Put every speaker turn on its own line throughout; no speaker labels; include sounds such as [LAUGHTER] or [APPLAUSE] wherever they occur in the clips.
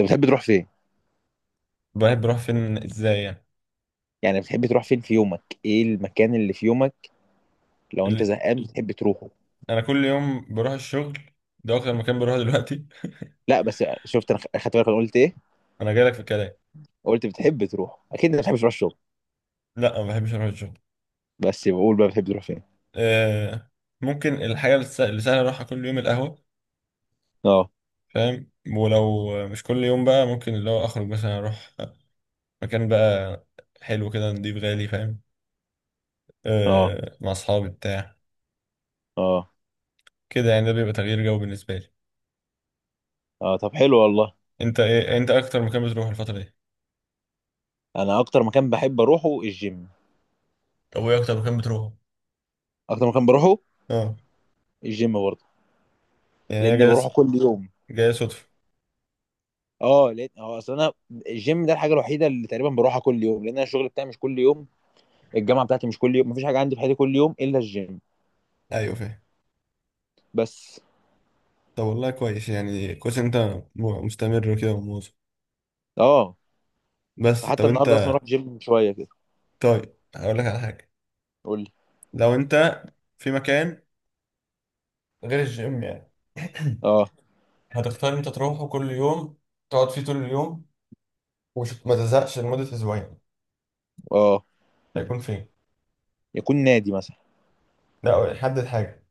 انت بتحب تروح فين؟
بحب بروح فين ازاي يعني.
يعني بتحب تروح فين في يومك، ايه المكان اللي في يومك لو انت
ال-
زهقان بتحب تروحه؟
انا كل يوم بروح الشغل، ده اكتر مكان بروحه دلوقتي.
لا بس شفت انا خدت بالك انا قلت ايه؟
[LAUGHS] انا جايلك في الكلام.
قلت بتحب تروح، اكيد انت بتحب تروح الشغل،
لا ما بحبش اروح الشغل.
بس بقول بقى بتحب تروح فين؟
آه، ممكن الحاجه اللي اللي سهله اروحها كل يوم القهوه،
اه.
فاهم؟ ولو مش كل يوم بقى، ممكن اللي هو اخرج مثلا اروح مكان بقى حلو كده، نضيف، غالي، فاهم؟
اه.
آه، مع اصحابي بتاع
اه.
كده يعني، ده بيبقى تغيير جو بالنسبه لي.
اه طب حلو والله.
انت ايه، انت اكتر مكان بتروح الفتره دي؟
انا اكتر مكان بحب اروحه الجيم.
طب وايه اكتر مكان بتروحه؟
اكتر مكان بروحه
اه،
الجيم برضه.
يعني انا
لان
جاي،
بروحه كل يوم.
جاي صدفه.
اه لان اصل انا الجيم ده الحاجه الوحيده اللي تقريبا بروحها كل يوم، لان انا الشغل بتاعي مش كل يوم، الجامعه بتاعتي مش كل يوم، مفيش حاجه عندي في حياتي كل يوم الا الجيم.
ايوه فاهم.
بس.
طب والله كويس، يعني كويس إن انت مستمر وكده ومواظب.
اه
بس طب
حتى
انت،
النهارده اصلا رحت جيم من شويه كده.
طيب هقول لك على حاجه.
قول لي.
لو انت في مكان غير الجيم يعني،
اه.
هتختار انت تروحه كل يوم، تقعد فيه طول اليوم وما تزهقش لمده اسبوعين،
اه.
هيكون فين؟
يكون نادي مثلا.
لا حدد حاجه.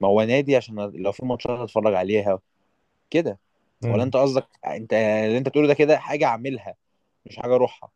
ما هو نادي عشان لو في ماتشات هتفرج عليها كده. ولا انت
امم.
قصدك انت اللي انت بتقوله ده كده حاجه اعملها، مش حاجه اروحها؟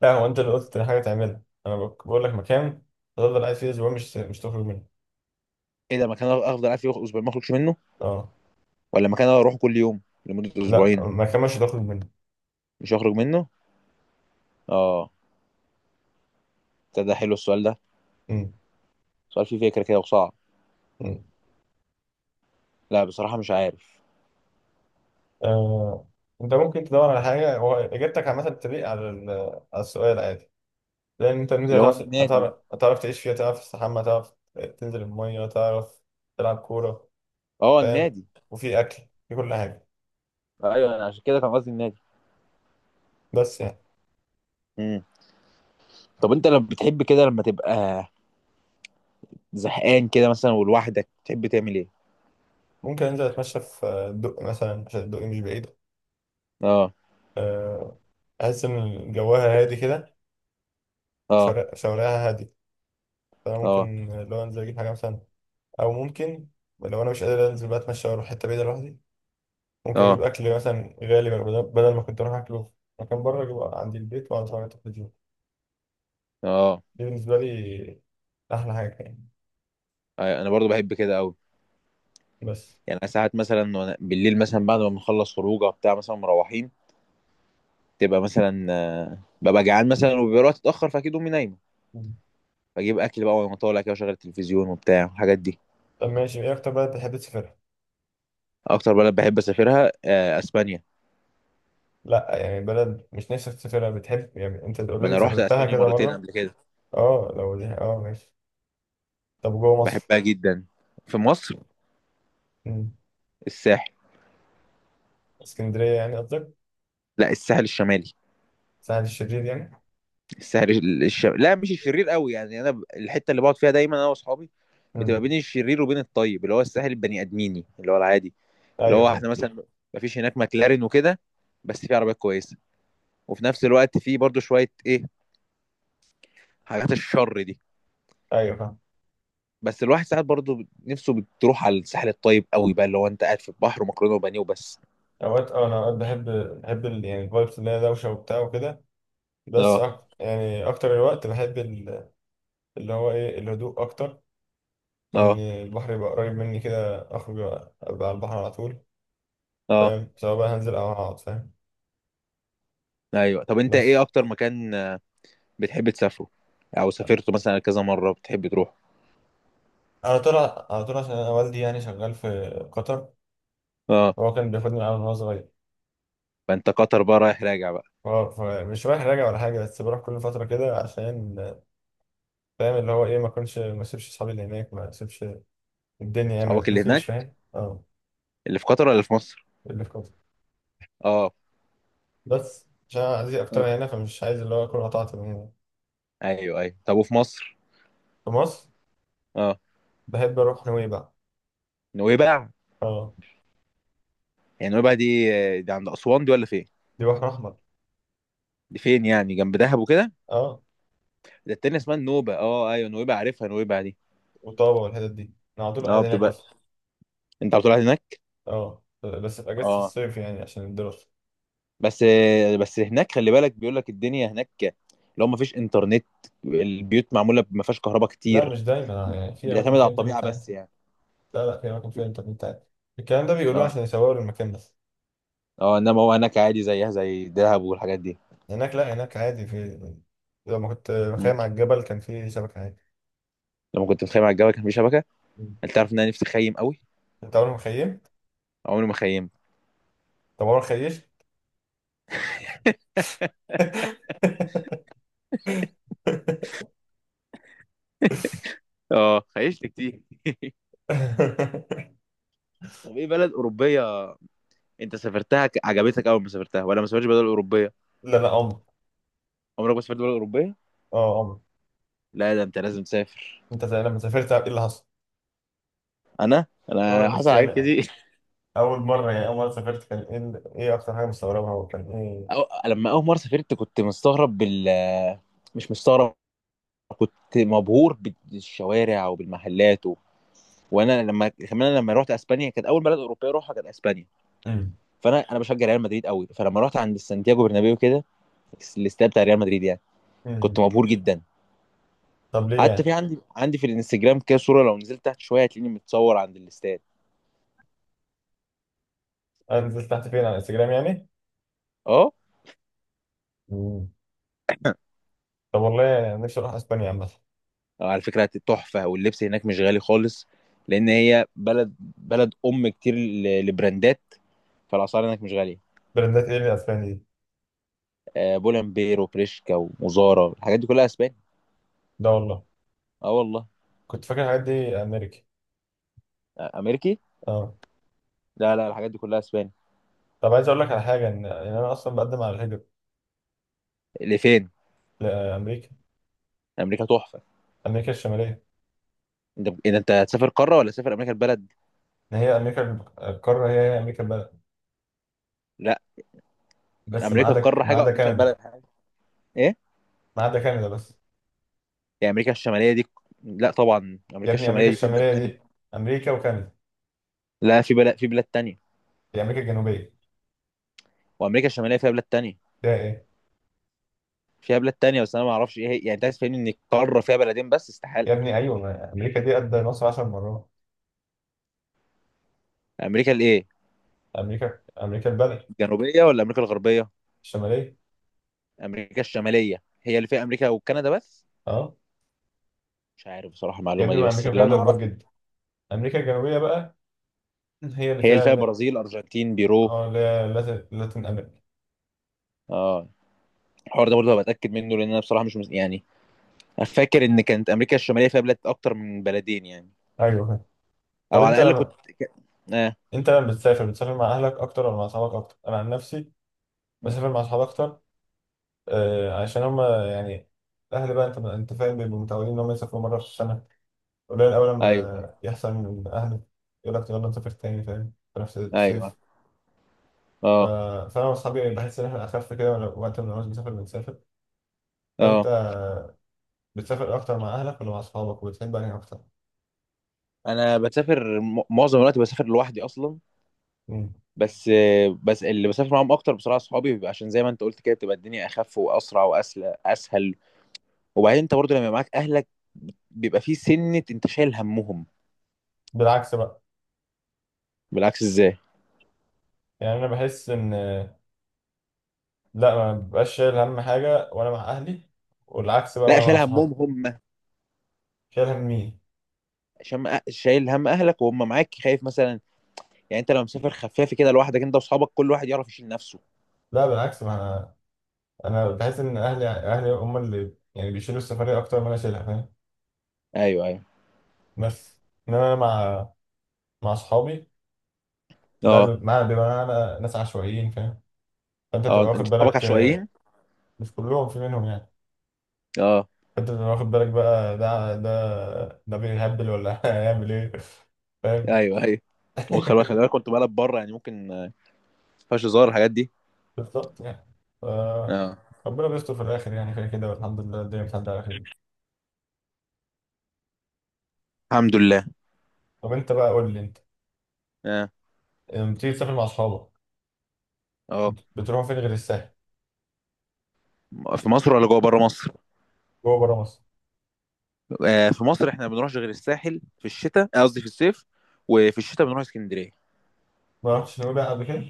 لا، هو انت اللي قلت حاجه تعملها، انا بقول لك مكان تفضل قاعد فيه اسبوعين، مش تخرج منه.
ايه ده؟ مكان افضل قاعد فيه اسبوعين ما اخرجش منه،
اه.
ولا مكان اروحه كل يوم لمده
لا،
اسبوعين؟
مكان مش هتخرج منه.
مش هخرج منه. اه. ده حلو السؤال ده.
امم.
سؤال فيه فكره كده وصعب. لا بصراحه مش عارف.
آه، انت ممكن تدور على حاجه. هو اجابتك عامه بتليق على على السؤال عادي، لان انت الميزه
اللي هو
هتعرف
النادي.
هتعرف هتعرف تعيش فيها، تعرف تستحمى، تعرف تنزل الميه، تعرف تلعب كوره،
اه
فاهم؟
النادي.
وفي اكل، في كل حاجه،
ايوه انا عشان كده كان قصدي النادي.
بس يعني.
امم طب انت لما بتحب كده لما تبقى زهقان كده مثلا ولوحدك تحب تعمل ايه؟
ممكن انزل اتمشى في الدق مثلا، عشان الدق مش بعيد.
اه.
آه، احس ان جواها هادي كده،
اه.
شوارعها هادي. فانا
اه.
ممكن لو انزل اجيب حاجه مثلا، او ممكن لو انا مش قادر انزل بقى اتمشى واروح حته بعيده لوحدي. ممكن
اه.
اجيب اكل مثلا غالي بدل ما كنت اروح اكله في مكان بره، اجيبه عندي البيت واقعد اتفرج على التلفزيون.
اه
دي بالنسبه لي احلى حاجه يعني،
انا برضو بحب كده قوي.
بس.
يعني أنا ساعات مثلا بالليل مثلا بعد ما بنخلص خروجه بتاع مثلا مروحين، تبقى مثلا ببقى جعان مثلا وبيبقى الوقت اتاخر، فاكيد امي نايمه.
مم.
بجيب اكل بقى وانا طالع كده وشغل التلفزيون وبتاع الحاجات دي.
طب ماشي، ايه اكتر بلد بتحب تسافرها؟
اكتر بلد بحب اسافرها اسبانيا.
لا، يعني بلد مش نفسك تسافرها، بتحب يعني انت
ما
اوريدي
انا رحت
سافرتها
اسبانيا
كده
مرتين
مره.
قبل كده.
اه لو دي، اه ماشي. طب جوه مصر؟
بحبها جدا. في مصر
مم.
الساحل.
اسكندريه يعني قصدك؟
لا، الساحل الشمالي.
سهل الشرير يعني؟
لا مش الشرير قوي، يعني انا الحته اللي بقعد فيها دايما انا واصحابي بتبقى بين
مم.
الشرير وبين الطيب، اللي هو الساحل البني ادميني اللي هو العادي. اللي
ايوه
هو احنا
فاهم.
مثلا مفيش هناك ماكلارين وكده، بس في عربيات كويسه، وفي نفس الوقت في برضو شويه ايه حاجات الشر دي.
ايوه فاهم.
بس الواحد ساعات برضو نفسه بتروح على الساحل الطيب قوي بقى، اللي هو انت قاعد في البحر ومكرونه وبانيه وبس.
اوقات اه، انا اوقات بحب، بحب يعني الفايبس اللي هي دوشه وبتاع وكده، بس
اه.
أك... يعني اكتر الوقت بحب اللي هو ايه، الهدوء اكتر، وان
اه.
البحر يبقى قريب مني كده، اخرج ابقى على البحر على طول،
اه.
فاهم؟ سواء بقى هنزل او هقعد، فاهم؟
ايوه طب انت
بس.
ايه اكتر مكان بتحب تسافره، او سافرته مثلا كذا مره بتحب تروح؟
على طول، على طول، عشان انا والدي يعني شغال في قطر،
اه.
هو كان بياخدني معاه من وانا صغير.
فانت قطر بقى رايح راجع بقى؟
فمش رايح راجع ولا حاجه، بس بروح كل فتره كده عشان، فاهم، اللي هو ايه، ما اكونش، ما اسيبش اصحابي اللي هناك، ما اسيبش الدنيا يعني، ما
صحابك اللي
تنسيش،
هناك
فاهم، اه.
اللي في قطر ولا في مصر؟
اللي في قطر.
اه.
بس عشان أنا عايز
آه،
اكتر هنا، فمش عايز اللي هو اكون قطعت من هنا.
ايوه، ايوه طب وفي مصر؟
في مصر
اه
بحب اروح نويبع.
نويبع.
اه.
يعني نويبع دي، دي عند اسوان دي ولا فين؟
دي بحر احمر.
دي فين يعني، جنب دهب وكده؟
اه،
ده التانية اسمها النوبة. اه ايوه نويبع، عارفها نويبع دي.
وطابة والحتت دي، انا على طول
اه
قاعد هناك
بتبقى،
اصلا.
انت بتروح هناك؟
اه بس في اجازة
اه.
الصيف يعني، عشان الدراسة.
بس بس هناك خلي بالك، بيقول لك الدنيا هناك لو ما فيش انترنت، البيوت معمولة ما فيهاش كهرباء
لا
كتير،
مش دايما، يعني في اماكن
بتعتمد على
فيها
الطبيعة
انترنت
بس
عادي.
يعني.
لا لا، في اماكن فيها انترنت عادي، الكلام ده بيقولوه
اه.
عشان يصوروا المكان بس.
اه انما هو هناك عادي زيها زي دهب والحاجات دي.
هناك لا، هناك عادي، في، لما كنت
مم.
مخيم على الجبل كان في شبكة عادي.
لما كنت متخيم على الجبل كان في شبكة.
مم.
انت عارف ان انا نفسي اخيم قوي.
انت عمرك مخيم؟
عمري ما خيمت.
طب عمرك خيش؟
[LAUGHS]
[LAUGHS]
اه خيشت كتير. طب ايه بلد اوروبيه انت سافرتها عجبتك اول ما سافرتها، ولا ما سافرتش بلد اوروبيه؟
لا لا، عمر.
عمرك ما سافرت بلد اوروبيه؟
اه، عمر.
لا ده انت لازم تسافر.
انت زي لما سافرت ايه اللي حصل؟
انا
اه
انا حصل
بس
حاجات
يعني،
كتير.
أول مرة يعني، أول مرة سافرت كان إيه إيه أكتر حاجة مستغربها وكان إيه؟
[LAUGHS] لما اول مره سافرت كنت مستغرب مش مستغرب، كنت مبهور بالشوارع وبالمحلات وانا لما كمان لما رحت اسبانيا كانت اول بلد اوروبيه اروحها كانت اسبانيا.
امم.
فانا بشجع ريال مدريد قوي، فلما رحت عند سانتياغو برنابيو كده الاستاد بتاع ريال مدريد يعني، كنت
مم.
مبهور جدا.
طب ليه
حتى
يعني؟
في عندي في الانستجرام كده صوره، لو نزلت تحت شويه هتلاقيني متصور عند الاستاد.
أنا نزلت تحت فين على انستجرام يعني؟
اه
مم. طب والله نفسي أروح أسبانيا عامة.
على فكره تحفه، واللبس هناك مش غالي خالص. لان هي بلد ام كتير لبراندات، فالاسعار هناك مش غاليه.
براندات إيه اللي أسبانيا دي؟
بولنبير وبريشكا ومزارا الحاجات دي كلها اسباني.
لا والله.
اه والله.
كنت فاكر الحاجات دي أمريكا.
امريكي.
أه.
لا، لا، الحاجات دي كلها اسباني.
طب عايز أقول لك على حاجة، إن أنا أصلا بقدم على الهجرة.
لفين؟
لأمريكا.
امريكا تحفه.
أمريكا الشمالية.
انت إذا انت هتسافر قاره ولا تسافر امريكا البلد؟
إن هي أمريكا، القارة هي هي أمريكا البلد،
لا،
بس ما
امريكا
عدا،
القاره
ما
حاجه
عدا
وامريكا
كندا.
البلد حاجه. ايه
ما عدا كندا بس.
يعني امريكا الشماليه دي؟ لا طبعا
يا
امريكا
ابني
الشماليه
أمريكا
دي فيها بلاد
الشمالية
تانية.
دي أمريكا وكندا.
لا في بلاد تانية.
دي أمريكا الجنوبية.
وامريكا الشماليه فيها بلاد تانية.
ده إيه؟
بس انا ما اعرفش ايه هي، يعني انت عايز تفهمني ان القاره فيها بلدين بس؟
يا
استحاله.
ابني ايوه، ما امريكا دي قد مصر 10 مرات.
امريكا الايه؟
امريكا، امريكا البلد.
الجنوبيه ولا امريكا الغربيه؟
الشماليه.
امريكا الشماليه هي اللي فيها امريكا وكندا بس؟
اه.
مش عارف بصراحه
يا
المعلومه
ابني
دي،
ما
بس
امريكا
اللي انا
وكندا كبار
اعرفه،
جدا. امريكا الجنوبيه بقى هي اللي
هي اللي
فيها
فيها برازيل، ارجنتين، بيرو.
اه، اللي هي لاتن امريكا.
اه. الحوار ده برضه هبقى اتاكد منه، لان انا بصراحه مش مس... يعني، أنا فاكر ان كانت امريكا الشماليه فيها بلاد اكتر من بلدين يعني،
ايوه فاهم. طب
او
انت
على الاقل كنت
لما،
ك- اه.
انت لما بتسافر بتسافر مع اهلك اكتر ولا مع اصحابك اكتر؟ انا عن نفسي بسافر مع اصحابي اكتر، آه عشان هم يعني الاهل بقى، انت فاهم، بيبقوا متعودين ان هم يسافروا مره في السنه، قليل اول
ايوه، ايوه،
لما يحصل من اهلك يقول لك يلا نسافر تاني، فاهم، في نفس
ايوه.
الصيف. ف-
اه.
فانا واصحابي بحس ان احنا اخف كده، وقت ما بنعوز نسافر بنسافر. فانت
اه
بتسافر اكتر مع اهلك ولا مع اصحابك، وبتحب انهي اكتر؟
انا بسافر معظم الوقت بسافر لوحدي اصلا.
مم.
بس بس اللي بسافر معاهم اكتر بصراحه اصحابي، بيبقى عشان زي ما انت قلت كده بتبقى الدنيا اخف واسرع واسهل اسهل. وبعدين انت برضه لما يبقى معاك اهلك، بيبقى في سنه انت شايل همهم.
بالعكس بقى.
بالعكس ازاي؟
يعني انا بحس ان، لا ما ببقاش شايل هم حاجه وانا مع اهلي، والعكس بقى
لا
وانا مع
شايل
صحابي.
همهم، هم.
شايل هم مين؟
عشان شايل هم اهلك وهم معاك خايف مثلا. يعني انت لو مسافر خفافي كده لوحدك انت واصحابك كل واحد يعرف يشيل نفسه.
لا بالعكس، ما انا، أنا بحس ان اهلي هم اللي يعني بيشيلوا السفريه اكتر ما انا شايلها، فاهم؟
ايوه، ايوه.
بس. انما انا مع، مع اصحابي،
اه.
ده مع بيبقى معانا ناس عشوائيين، فاهم؟ فانت
اه
بتبقى واخد
انت اصحابك
بالك. آه،
عشوائيين.
مش كلهم، في منهم يعني،
اه.
انت اللي واخد بالك بقى، ده ده بيهبل ولا [LAUGHS] هيعمل ايه، فاهم؟
ايوه، ايوه. وخلي
[LAUGHS]
بالك كنت بلعب بره يعني ممكن ما فيهاش هزار الحاجات دي.
بالظبط يعني. ف-
اه.
ربنا بيستر في الاخر يعني، كده كده، والحمد لله الدنيا بتعدي على خير.
الحمد لله.
طب انت بقى قول لي، انت
اه.
لما بتيجي تسافر مع اصحابك
اه
بتروحوا فين غير الساحل؟
في مصر ولا جوه بره مصر؟
جوه بره مصر.
آه في مصر احنا ما بنروحش غير الساحل في الشتاء، قصدي في الصيف، وفي الشتاء بنروح اسكندريه.
ما رحتش نويبع قبل كده؟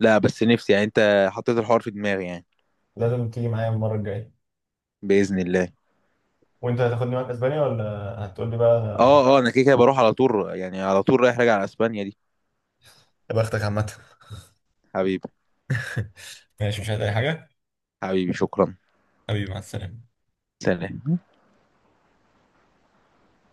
لا بس نفسي يعني، انت حطيت الحوار في دماغي يعني.
لازم تيجي معايا المره الجايه.
باذن الله.
وانت هتاخدني معاك اسبانيا، ولا هتقول لي بقى؟
اه. اه انا كده كده بروح على طول يعني، على طول رايح راجع على اسبانيا دي.
يا بختك عامه.
حبيبي.
ماشي مش عايز اي حاجه.
حبيبي شكرا.
حبيبي مع السلامه.
سلام.